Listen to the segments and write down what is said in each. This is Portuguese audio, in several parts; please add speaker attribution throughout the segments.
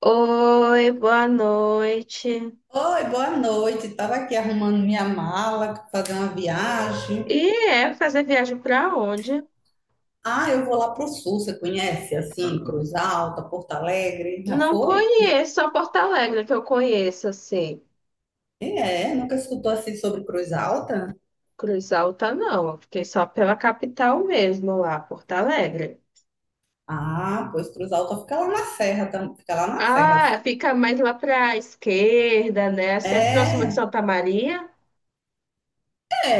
Speaker 1: Oi, boa noite.
Speaker 2: Oi, boa noite. Estava aqui arrumando minha mala, fazer uma viagem.
Speaker 1: E é fazer viagem para onde?
Speaker 2: Ah, eu vou lá para o sul, você conhece? Assim, Cruz Alta, Porto Alegre. Já
Speaker 1: Não
Speaker 2: foi?
Speaker 1: conheço, só Porto Alegre que eu conheço, assim.
Speaker 2: É, nunca escutou assim sobre Cruz Alta?
Speaker 1: Cruz Alta não, eu fiquei só pela capital mesmo lá, Porto Alegre.
Speaker 2: Ah, pois Cruz Alta fica lá na Serra, fica lá na Serra.
Speaker 1: Ah, fica mais lá para esquerda, né? Assim é próximo de
Speaker 2: É,
Speaker 1: Santa Maria.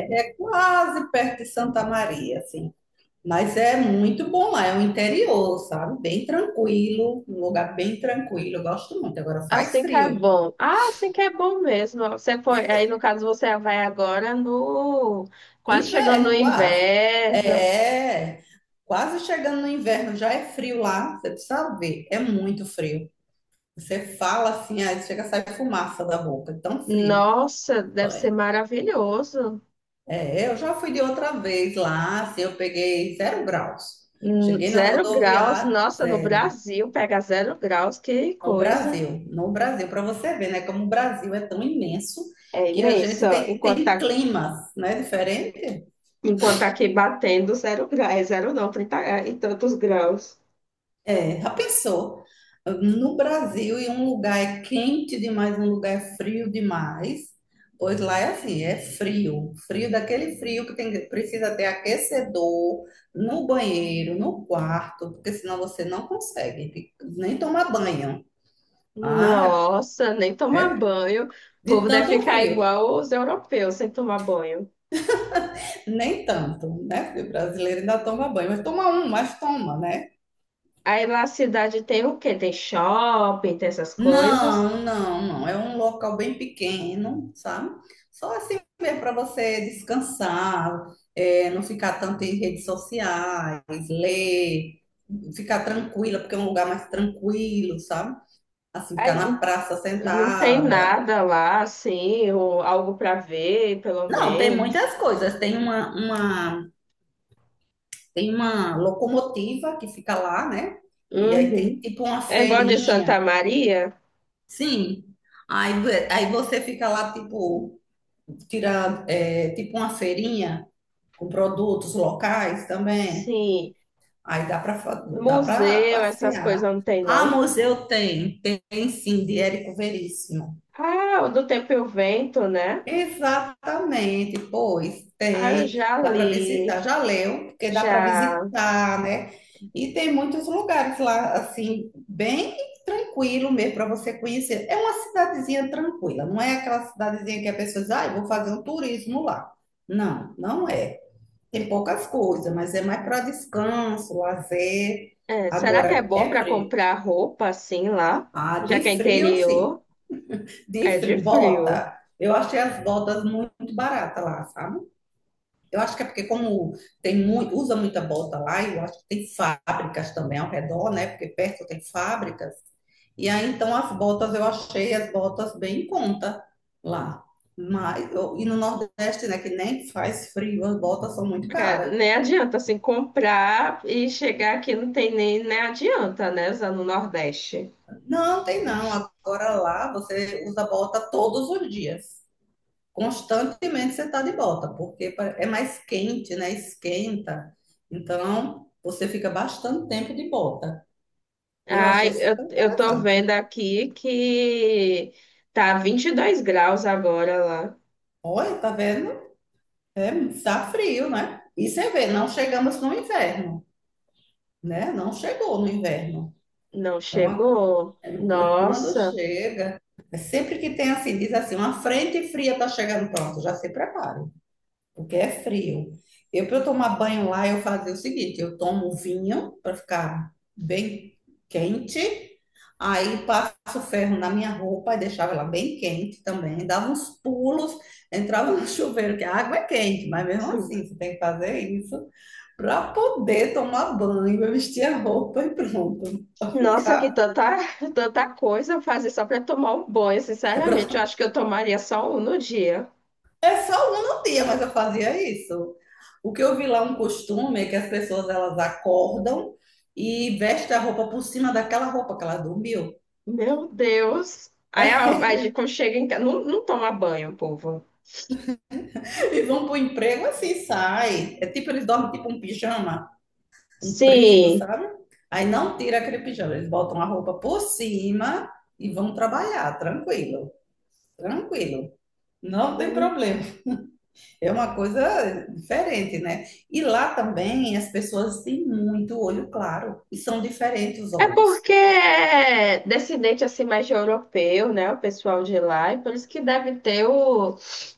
Speaker 2: é quase perto de Santa Maria, assim. Mas é muito bom lá, é o interior, sabe? Bem tranquilo, um lugar bem tranquilo. Eu gosto muito. Agora faz
Speaker 1: Assim que
Speaker 2: frio.
Speaker 1: é bom. Ah, assim que é bom mesmo. Você foi, aí no caso você vai agora no quase chegando no
Speaker 2: Inverno, quase.
Speaker 1: inverno.
Speaker 2: É, quase chegando no inverno, já é frio lá, você precisa ver, é muito frio. Você fala assim, aí chega a sair fumaça da boca, é tão frio.
Speaker 1: Nossa, deve
Speaker 2: É,
Speaker 1: ser maravilhoso.
Speaker 2: eu já fui de outra vez lá, assim, eu peguei zero graus. Cheguei na
Speaker 1: Zero graus,
Speaker 2: rodoviária,
Speaker 1: nossa, no
Speaker 2: zero.
Speaker 1: Brasil pega zero graus, que coisa.
Speaker 2: No Brasil, para você ver, né, como o Brasil é tão imenso
Speaker 1: É
Speaker 2: que a
Speaker 1: imenso,
Speaker 2: gente
Speaker 1: ó. enquanto tá,
Speaker 2: tem climas, né, diferente.
Speaker 1: enquanto tá aqui batendo zero graus, é zero não, 30 e tantos graus.
Speaker 2: É, já pensou? No Brasil, e um lugar é quente demais, um lugar é frio demais. Pois lá é assim, é frio. Frio daquele frio que tem, precisa ter aquecedor no banheiro, no quarto, porque senão você não consegue nem tomar banho. Ah,
Speaker 1: Nossa, nem tomar
Speaker 2: é
Speaker 1: banho. O
Speaker 2: de
Speaker 1: povo deve
Speaker 2: tanto
Speaker 1: ficar
Speaker 2: frio.
Speaker 1: igual os europeus sem tomar banho.
Speaker 2: Nem tanto, né? Porque o brasileiro ainda toma banho, mas toma um, mas toma, né?
Speaker 1: Aí lá a cidade tem o quê? Tem shopping, tem essas coisas.
Speaker 2: Não. É um local bem pequeno, sabe? Só assim mesmo para você descansar, é, não ficar tanto em redes sociais, ler, ficar tranquila, porque é um lugar mais tranquilo, sabe? Assim, ficar
Speaker 1: Aí
Speaker 2: na praça
Speaker 1: não tem
Speaker 2: sentada.
Speaker 1: nada lá, assim, ou algo para ver, pelo
Speaker 2: Não, tem
Speaker 1: menos.
Speaker 2: muitas coisas. Tem tem uma locomotiva que fica lá, né? E aí tem
Speaker 1: Uhum.
Speaker 2: tipo uma
Speaker 1: É igual de Santa
Speaker 2: feirinha.
Speaker 1: Maria.
Speaker 2: Sim. Aí, aí você fica lá, tipo. Tirar é, tipo uma feirinha com produtos locais também.
Speaker 1: Sim,
Speaker 2: Aí dá para dá para
Speaker 1: museu, essas coisas
Speaker 2: passear.
Speaker 1: não tem,
Speaker 2: Ah,
Speaker 1: não.
Speaker 2: museu tem, tem sim, de Érico Veríssimo.
Speaker 1: Ah, o do Tempo e o Vento, né?
Speaker 2: Exatamente, pois
Speaker 1: Ah, eu
Speaker 2: tem,
Speaker 1: já
Speaker 2: dá para
Speaker 1: li,
Speaker 2: visitar. Já leu, porque dá para
Speaker 1: já.
Speaker 2: visitar, né? E tem muitos lugares lá, assim, bem tranquilo mesmo para você conhecer. É uma cidadezinha tranquila, não é aquela cidadezinha que a pessoa diz, ah, eu vou fazer um turismo lá. Não, não é. Tem poucas coisas, mas é mais para descanso, lazer.
Speaker 1: É, será que é
Speaker 2: Agora,
Speaker 1: bom
Speaker 2: é
Speaker 1: para
Speaker 2: frio.
Speaker 1: comprar roupa assim lá?
Speaker 2: Ah,
Speaker 1: Já
Speaker 2: de
Speaker 1: que é
Speaker 2: frio, sim.
Speaker 1: interior,
Speaker 2: De
Speaker 1: é de
Speaker 2: frio,
Speaker 1: frio.
Speaker 2: bota. Eu achei as botas muito baratas lá, sabe? Eu acho que é porque como tem muito, usa muita bota lá, e eu acho que tem fábricas também ao redor, né? Porque perto tem fábricas. E aí, então, eu achei as botas bem em conta lá. Mas, e no Nordeste, né, que nem faz frio, as botas são muito
Speaker 1: É,
Speaker 2: caras.
Speaker 1: nem adianta assim comprar e chegar aqui não tem nem adianta, né? Usando o Nordeste.
Speaker 2: Não, tem não. Agora lá você usa bota todos os dias. Constantemente você está de bota, porque é mais quente, né? Esquenta. Então você fica bastante tempo de bota. Eu achei
Speaker 1: Ai, eu,
Speaker 2: super
Speaker 1: eu tô
Speaker 2: interessante.
Speaker 1: vendo aqui que tá 22 graus agora lá.
Speaker 2: Olha, tá vendo? É, tá frio, né? E você vê, não chegamos no inverno, né? Não chegou no inverno.
Speaker 1: Não
Speaker 2: Então uma co-
Speaker 1: chegou?
Speaker 2: é, pois quando
Speaker 1: Nossa.
Speaker 2: chega, é sempre que tem assim, diz assim, uma frente fria está chegando, pronto, já se prepare. Porque é frio. Eu, para eu tomar banho lá, eu fazia o seguinte: eu tomo vinho para ficar bem quente, aí passo ferro na minha roupa e deixava ela bem quente também, dava uns pulos, entrava no chuveiro, que a água é quente, mas mesmo
Speaker 1: Sim.
Speaker 2: assim você tem que fazer isso para poder tomar banho, eu vestir a roupa e pronto, para
Speaker 1: Nossa, que
Speaker 2: ficar,
Speaker 1: tanta, tanta coisa fazer só para tomar um banho,
Speaker 2: para
Speaker 1: sinceramente. Eu acho que eu tomaria só um no dia.
Speaker 2: é só uma no dia, mas eu fazia isso. O que eu vi lá é um costume é que as pessoas elas acordam e vestem a roupa por cima daquela roupa que ela dormiu
Speaker 1: Meu Deus. Aí, aí quando chega em casa, não, não toma banho, povo.
Speaker 2: e vão pro emprego assim, sai. É tipo eles dormem tipo um pijama comprido,
Speaker 1: Sim.
Speaker 2: sabe? Aí não tira aquele pijama, eles botam a roupa por cima e vão trabalhar, tranquilo. Não tem problema. É uma coisa diferente, né? E lá também as pessoas têm muito olho claro e são diferentes os
Speaker 1: É
Speaker 2: olhos.
Speaker 1: porque é descendente assim mais de europeu, né? O pessoal de lá, e por isso que deve ter o,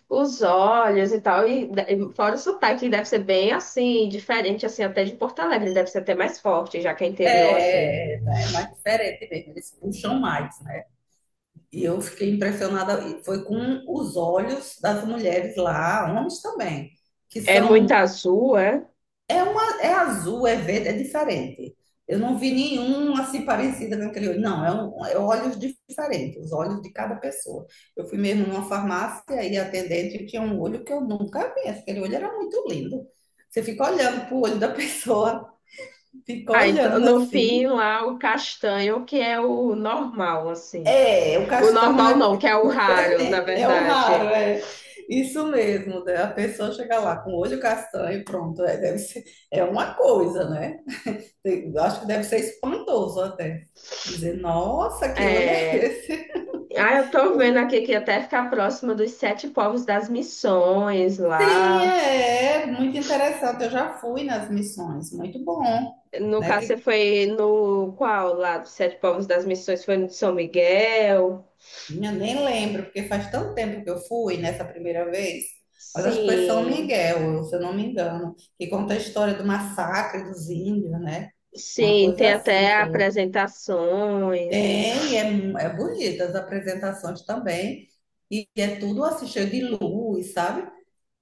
Speaker 1: os olhos e tal. E, fora o sotaque, deve ser bem assim, diferente assim até de Porto Alegre, ele deve ser até mais forte, já que é interior assim.
Speaker 2: É mais diferente mesmo, eles puxam mais, né? E eu fiquei impressionada, e foi com os olhos das mulheres lá, homens também, que
Speaker 1: É muito
Speaker 2: são…
Speaker 1: azul, é?
Speaker 2: É, é azul, é verde, é diferente. Eu não vi nenhum assim parecida com aquele olho. Não, é olhos diferentes, os olhos de cada pessoa. Eu fui mesmo numa farmácia e a atendente tinha um olho que eu nunca vi. Aquele olho era muito lindo. Você fica olhando pro olho da pessoa, fica
Speaker 1: Ah, então
Speaker 2: olhando
Speaker 1: no fim
Speaker 2: assim.
Speaker 1: lá o castanho, que é o normal, assim.
Speaker 2: É, o
Speaker 1: O
Speaker 2: castanho
Speaker 1: normal
Speaker 2: é
Speaker 1: não, que é o raro, na
Speaker 2: diferente, é o raro,
Speaker 1: verdade.
Speaker 2: é isso mesmo. Né? A pessoa chega lá com o olho castanho, pronto, é, deve ser, é uma coisa, né? Eu acho que deve ser espantoso até. Dizer, nossa, que olho é
Speaker 1: É.
Speaker 2: esse?
Speaker 1: Ah, eu tô vendo aqui que até ficar próximo dos sete povos das missões
Speaker 2: Sim,
Speaker 1: lá.
Speaker 2: é, é muito interessante. Eu já fui nas missões, muito bom,
Speaker 1: No
Speaker 2: né?
Speaker 1: caso,
Speaker 2: Que
Speaker 1: você foi no qual lá dos sete povos das missões? Foi no de São Miguel?
Speaker 2: eu nem lembro, porque faz tanto tempo que eu fui nessa primeira vez, mas acho que foi São
Speaker 1: Sim,
Speaker 2: Miguel, se eu não me engano, que conta a história do massacre dos índios, né? Uma
Speaker 1: sim,
Speaker 2: coisa
Speaker 1: tem até
Speaker 2: assim, foi.
Speaker 1: apresentações.
Speaker 2: Tem, é, é bonita as apresentações também, e é tudo assim, cheio de luz, sabe?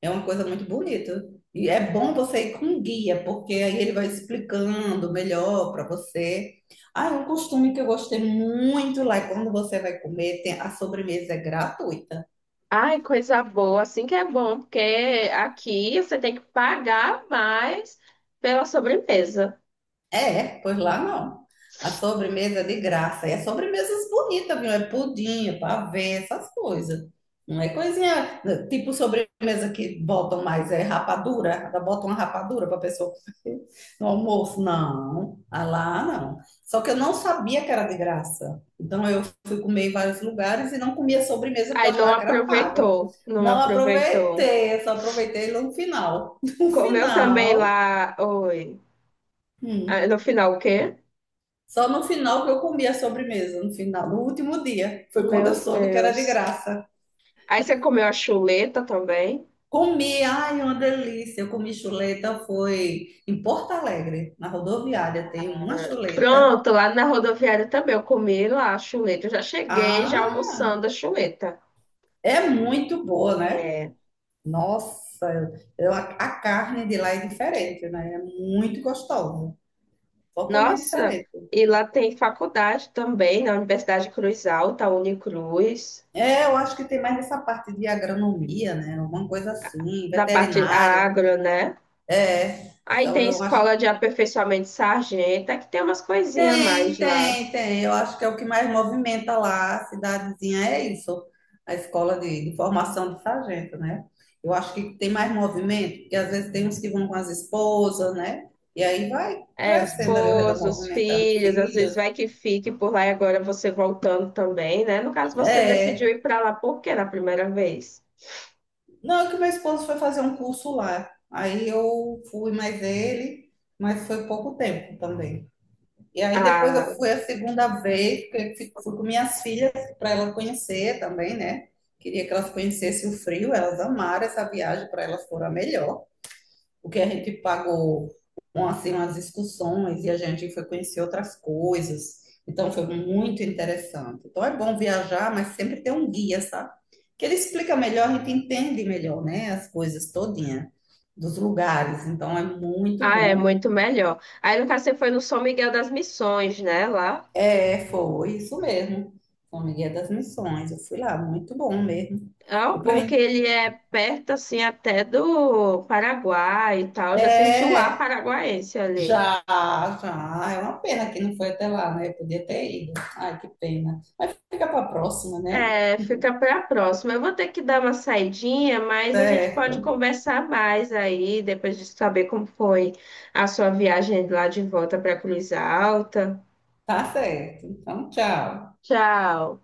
Speaker 2: É uma coisa muito bonita. E é bom você ir com guia, porque aí ele vai explicando melhor para você. Ah, é um costume que eu gostei muito lá é quando você vai comer, a sobremesa é gratuita.
Speaker 1: Ai, coisa boa, assim que é bom, porque aqui você tem que pagar mais pela sobremesa.
Speaker 2: É, pois lá não. A sobremesa é de graça. E as sobremesas bonitas, viu? É pudim, é pavê, essas coisas. Não é coisinha, né, tipo sobremesa que botam mais, é rapadura, ainda botam uma rapadura para a pessoa comer no almoço. Não, ah, lá não. Só que eu não sabia que era de graça. Então eu fui comer em vários lugares e não comia sobremesa porque eu
Speaker 1: Aí não
Speaker 2: achava que era paga.
Speaker 1: aproveitou, não
Speaker 2: Não
Speaker 1: aproveitou.
Speaker 2: aproveitei, eu só aproveitei no final. No
Speaker 1: Comeu também
Speaker 2: final.
Speaker 1: lá, oi. Ah,
Speaker 2: Hum,
Speaker 1: no final o quê?
Speaker 2: só no final que eu comi a sobremesa, no final, no último dia. Foi quando eu
Speaker 1: Meu
Speaker 2: soube que era de
Speaker 1: Deus.
Speaker 2: graça.
Speaker 1: Aí você comeu a chuleta também.
Speaker 2: Comi, ai, uma delícia. Eu comi chuleta, foi em Porto Alegre, na rodoviária, tem uma
Speaker 1: Ah,
Speaker 2: chuleta.
Speaker 1: pronto, lá na rodoviária também eu comi lá a chuleta. Eu já cheguei já
Speaker 2: Ah,
Speaker 1: almoçando a chuleta.
Speaker 2: é muito boa, né?
Speaker 1: É,
Speaker 2: Nossa, a carne de lá é diferente, né? É muito gostosa, totalmente
Speaker 1: nossa,
Speaker 2: diferente.
Speaker 1: e lá tem faculdade também, na Universidade Cruz Alta, Unicruz,
Speaker 2: É, eu acho que tem mais essa parte de agronomia, né? Alguma coisa assim,
Speaker 1: da parte
Speaker 2: veterinária.
Speaker 1: agro, né?
Speaker 2: É,
Speaker 1: Aí
Speaker 2: então
Speaker 1: tem
Speaker 2: eu acho…
Speaker 1: escola de aperfeiçoamento de sargento, é que tem umas coisinhas a mais lá.
Speaker 2: Tem. Eu acho que é o que mais movimenta lá a cidadezinha, é isso, a escola de formação de sargento, né? Eu acho que tem mais movimento, porque às vezes tem uns que vão com as esposas, né? E aí vai
Speaker 1: É,
Speaker 2: crescendo ali o redor,
Speaker 1: esposos,
Speaker 2: movimentando
Speaker 1: filhos, às vezes
Speaker 2: filhos.
Speaker 1: vai que fique por lá e agora você voltando também, né? No caso, você decidiu
Speaker 2: É.
Speaker 1: ir para lá por quê na primeira vez?
Speaker 2: Não, é que meu esposo foi fazer um curso lá. Aí eu fui mais ele, mas foi pouco tempo também. E aí depois eu
Speaker 1: Ah,
Speaker 2: fui a segunda vez, porque eu fui com minhas filhas para elas conhecer também, né? Queria que elas conhecessem o frio, elas amaram essa viagem, para elas foram a melhor. O que a gente pagou, um, assim, umas excursões e a gente foi conhecer outras coisas. Então foi muito interessante. Então é bom viajar, mas sempre ter um guia, sabe? Que ele explica melhor, a gente entende melhor, né? As coisas todinha dos lugares. Então é muito
Speaker 1: ah, é
Speaker 2: bom.
Speaker 1: muito melhor. Aí, no caso, você foi no São Miguel das Missões, né? Lá.
Speaker 2: É, foi isso mesmo. São Miguel das Missões. Eu fui lá, muito bom mesmo.
Speaker 1: Ah, o
Speaker 2: Depois, a
Speaker 1: bom que
Speaker 2: gente-
Speaker 1: ele é perto, assim, até do Paraguai e tal. Já senti o ar
Speaker 2: é,
Speaker 1: paraguaense ali.
Speaker 2: já, já. Ah, é uma pena que não foi até lá, né? Eu podia ter ido. Ai, que pena. Mas fica para a próxima, né?
Speaker 1: É, fica para a próxima. Eu vou ter que dar uma saidinha, mas a gente pode
Speaker 2: Certo.
Speaker 1: conversar mais aí, depois de saber como foi a sua viagem lá de volta para Cruz Alta.
Speaker 2: Tá certo. Então, tchau.
Speaker 1: Tchau.